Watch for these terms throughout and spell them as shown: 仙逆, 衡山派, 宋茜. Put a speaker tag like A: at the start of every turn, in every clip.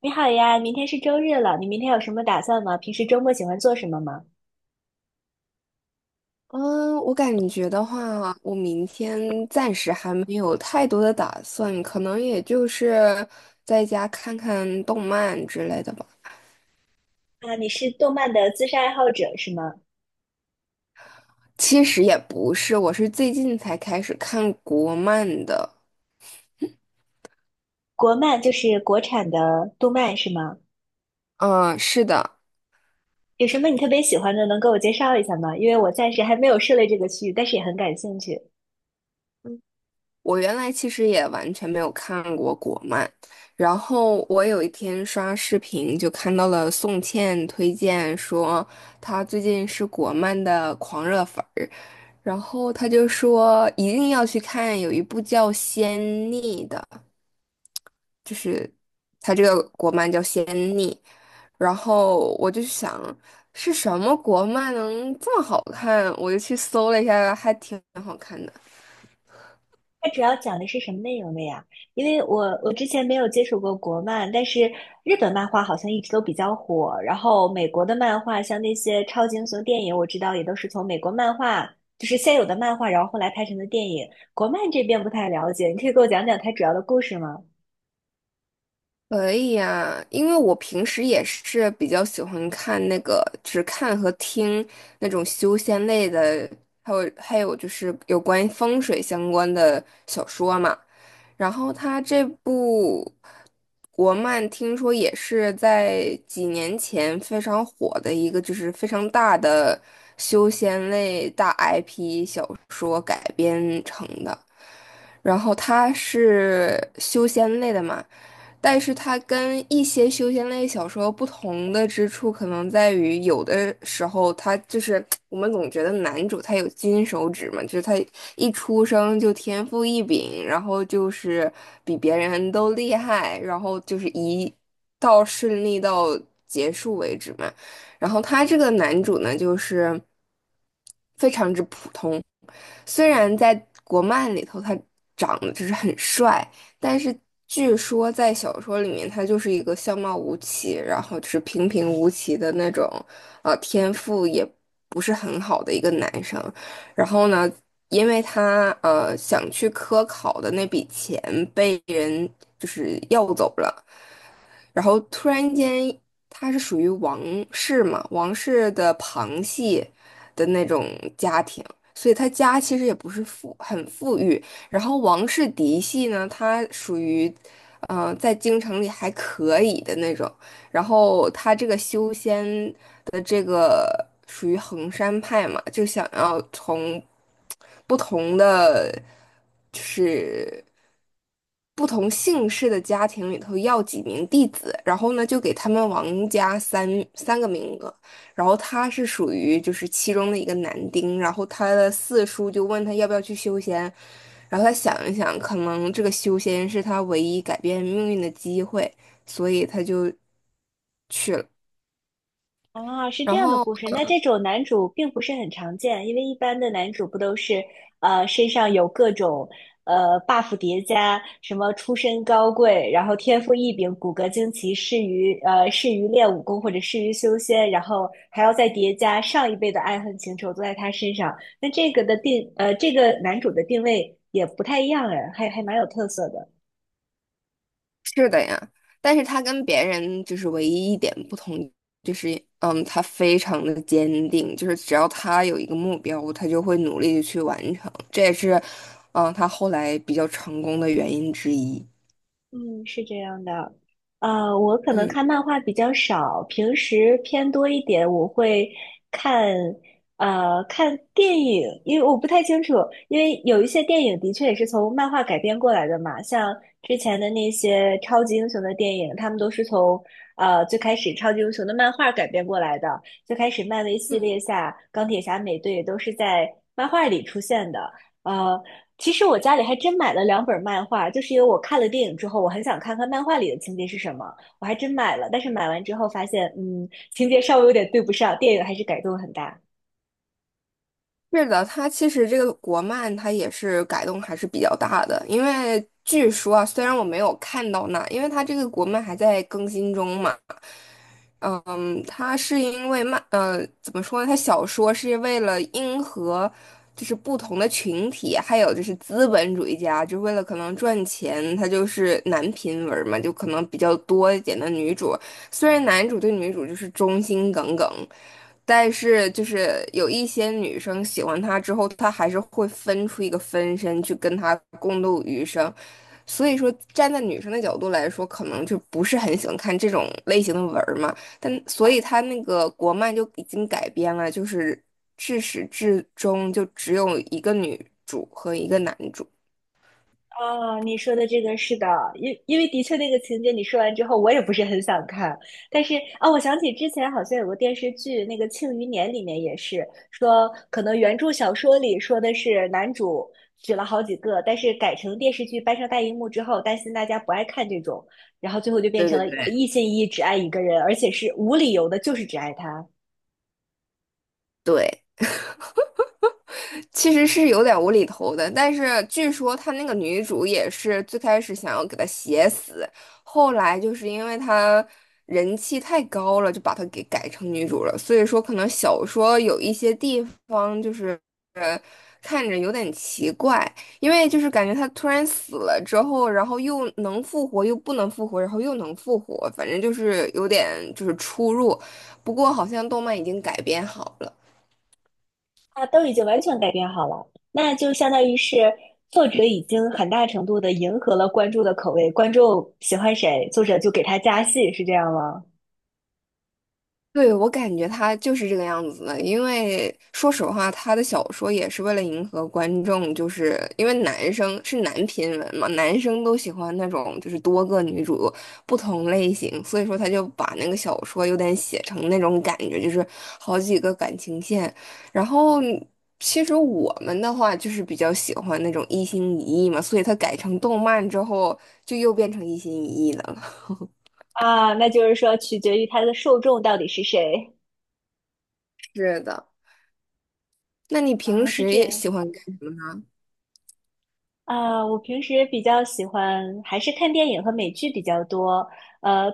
A: 你好呀，明天是周日了，你明天有什么打算吗？平时周末喜欢做什么吗？
B: 嗯，我感觉的话，我明天暂时还没有太多的打算，可能也就是在家看看动漫之类的吧。
A: 啊，你是动漫的资深爱好者是吗？
B: 其实也不是，我是最近才开始看国漫的。
A: 国漫就是国产的动漫是吗？
B: 嗯，是的，
A: 有什么你特别喜欢的，能给我介绍一下吗？因为我暂时还没有涉猎这个区域，但是也很感兴趣。
B: 我原来其实也完全没有看过国漫，然后我有一天刷视频就看到了宋茜推荐说她最近是国漫的狂热粉儿。然后他就说一定要去看，有一部叫《仙逆》的，就是他这个国漫叫《仙逆》。然后我就想是什么国漫能这么好看，我就去搜了一下，还挺好看的。
A: 它主要讲的是什么内容的呀？因为我之前没有接触过国漫，但是日本漫画好像一直都比较火。然后美国的漫画，像那些超级英雄电影，我知道也都是从美国漫画，就是现有的漫画，然后后来拍成的电影。国漫这边不太了解，你可以给我讲讲它主要的故事吗？
B: 可以呀，因为我平时也是比较喜欢看那个，只看和听那种修仙类的，还有就是有关于风水相关的小说嘛。然后他这部国漫听说也是在几年前非常火的一个，就是非常大的修仙类大 IP 小说改编成的。然后它是修仙类的嘛，但是它跟一些修仙类小说不同的之处，可能在于有的时候它就是我们总觉得男主他有金手指嘛，就是他一出生就天赋异禀，然后就是比别人都厉害，然后就是一到顺利到结束为止嘛。然后他这个男主呢，就是非常之普通，虽然在国漫里头他长得就是很帅，但是据说在小说里面他就是一个相貌无奇，然后就是平平无奇的那种，天赋也不是很好的一个男生。然后呢，因为他想去科考的那笔钱被人就是要走了。然后突然间他是属于王室嘛，王室的旁系的那种家庭，所以他家其实也不是富，很富裕。然后王室嫡系呢，他属于，嗯、在京城里还可以的那种。然后他这个修仙的这个属于衡山派嘛，就想要从不同的就是不同姓氏的家庭里头要几名弟子，然后呢就给他们王家三个名额，然后他是属于就是其中的一个男丁，然后他的四叔就问他要不要去修仙，然后他想一想，可能这个修仙是他唯一改变命运的机会。所以他就去了。
A: 啊，是这
B: 然
A: 样的
B: 后
A: 故事。那这种男主并不是很常见，因为一般的男主不都是身上有各种buff 叠加，什么出身高贵，然后天赋异禀，骨骼惊奇，适于练武功或者适于修仙，然后还要再叠加上一辈的爱恨情仇都在他身上。那这个的定呃这个男主的定位也不太一样哎，还蛮有特色的。
B: 是的呀，但是他跟别人就是唯一一点不同，就是嗯，他非常的坚定，就是只要他有一个目标，他就会努力的去完成。这也是嗯，他后来比较成功的原因之一。
A: 嗯，是这样的，我可能
B: 嗯，
A: 看漫画比较少，平时偏多一点。我会看，看电影，因为我不太清楚，因为有一些电影的确也是从漫画改编过来的嘛，像之前的那些超级英雄的电影，他们都是从最开始超级英雄的漫画改编过来的。最开始漫威系列下，钢铁侠、美队都是在漫画里出现的。呃。其实我家里还真买了两本漫画，就是因为我看了电影之后，我很想看看漫画里的情节是什么，我还真买了。但是买完之后发现，嗯，情节稍微有点对不上，电影还是改动很大。
B: 是的，他其实这个国漫他也是改动还是比较大的，因为据说啊，虽然我没有看到那，因为他这个国漫还在更新中嘛。嗯，他是因为漫，怎么说呢？他小说是为了迎合，就是不同的群体，还有就是资本主义家，就为了可能赚钱，他就是男频文嘛，就可能比较多一点的女主。虽然男主对女主就是忠心耿耿，但是就是有一些女生喜欢他之后，他还是会分出一个分身去跟他共度余生。所以说，站在女生的角度来说，可能就不是很喜欢看这种类型的文儿嘛。但所以他那个国漫就已经改编了，就是至始至终就只有一个女主和一个男主。
A: 哦，你说的这个是的，因为的确那个情节你说完之后，我也不是很想看。但是啊、我想起之前好像有个电视剧，那个《庆余年》里面也是说，可能原著小说里说的是男主娶了好几个，但是改成电视剧搬上大荧幕之后，担心大家不爱看这种，然后最后就变
B: 对
A: 成
B: 对
A: 了
B: 对。
A: 一心一意只爱一个人，而且是无理由的，就是只爱他。
B: 对，其实是有点无厘头的，但是据说他那个女主也是最开始想要给他写死，后来就是因为他人气太高了，就把他给改成女主了。所以说，可能小说有一些地方就是呃看着有点奇怪，因为就是感觉他突然死了之后，然后又能复活，又不能复活，然后又能复活，反正就是有点就是出入。不过好像动漫已经改编好了。
A: 啊，都已经完全改变好了，那就相当于是作者已经很大程度的迎合了观众的口味，观众喜欢谁，作者就给他加戏，是这样吗？
B: 对，我感觉他就是这个样子的，因为说实话，他的小说也是为了迎合观众，就是因为男生是男频文嘛，男生都喜欢那种就是多个女主不同类型，所以说他就把那个小说有点写成那种感觉，就是好几个感情线。然后其实我们的话就是比较喜欢那种一心一意嘛，所以他改成动漫之后就又变成一心一意的了。
A: 啊，那就是说取决于他的受众到底是谁
B: 是的，那你平
A: 啊，是
B: 时
A: 这
B: 也
A: 样
B: 喜欢？
A: 啊，我平时比较喜欢还是看电影和美剧比较多。呃，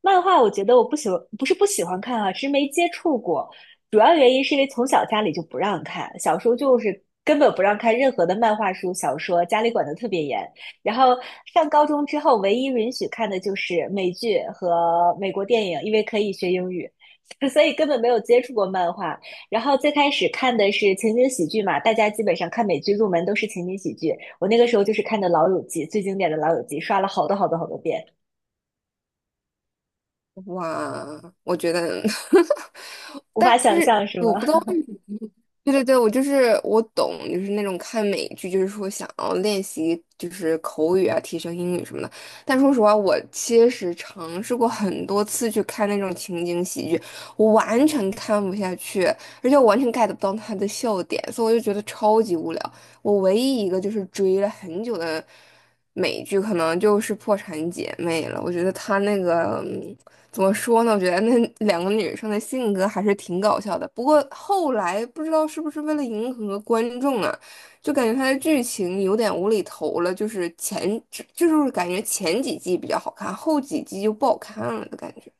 A: 漫画我觉得我不喜欢，不是不喜欢看啊，是没接触过。主要原因是因为从小家里就不让看，小时候就是根本不让看任何的漫画书、小说，家里管的特别严。然后上高中之后，唯一允许看的就是美剧和美国电影，因为可以学英语，所以根本没有接触过漫画。然后最开始看的是情景喜剧嘛，大家基本上看美剧入门都是情景喜剧。我那个时候就是看的《老友记》，最经典的《老友记》，刷了好多好多好多遍，
B: 哇，我觉得，
A: 无
B: 但
A: 法想
B: 是
A: 象是吗？
B: 我不知道为对对对，我就是我懂，就是那种看美剧，就是说想要练习就是口语啊，提升英语什么的。但说实话，我其实尝试过很多次去看那种情景喜剧，我完全看不下去，而且我完全 get 不到他的笑点，所以我就觉得超级无聊。我唯一一个就是追了很久的美剧，可能就是《破产姐妹》了。我觉得他那个。怎么说呢？我觉得那两个女生的性格还是挺搞笑的。不过后来不知道是不是为了迎合观众啊，就感觉它的剧情有点无厘头了。就是前就就是感觉前几季比较好看，后几季就不好看了的感觉。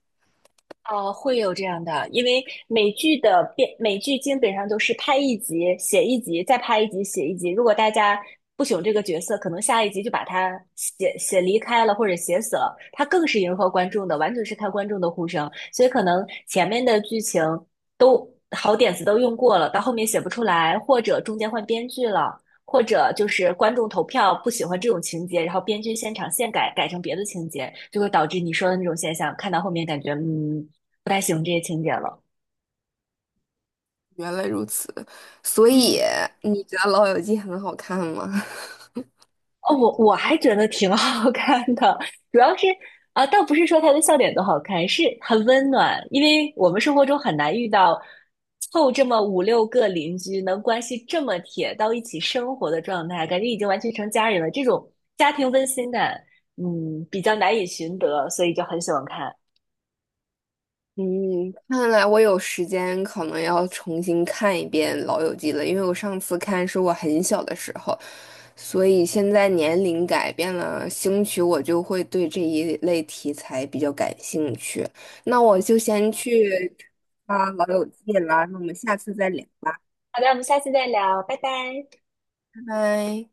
A: 哦，会有这样的，因为美剧的编，美剧基本上都是拍一集写一集，再拍一集写一集。如果大家不喜欢这个角色，可能下一集就把他写离开了或者写死了。他更是迎合观众的，完全是看观众的呼声。所以可能前面的剧情都好点子都用过了，到后面写不出来，或者中间换编剧了，或者就是观众投票不喜欢这种情节，然后编剧现场现改，改成别的情节。就会导致你说的那种现象，看到后面感觉，嗯，不太喜欢这些情节了。
B: 原来如此，所以
A: 嗯
B: 你觉得《老友记》很好看吗？
A: 哦，我还觉得挺 好看的，主要是啊，倒不是说他的笑点多好看，是很温暖，因为我们生活中很难遇到凑这么五六个邻居能关系这么铁到一起生活的状态，感觉已经完全成家人了，这种家庭温馨感，嗯，比较难以寻得，所以就很喜欢看。
B: 嗯，看来我有时间可能要重新看一遍《老友记》了，因为我上次看是我很小的时候，所以现在年龄改变了，兴许我就会对这一类题材比较感兴趣。那我就先去啊《老友记》了，那我们下次再聊吧，
A: 好的，我们下次再聊，拜拜。
B: 拜拜。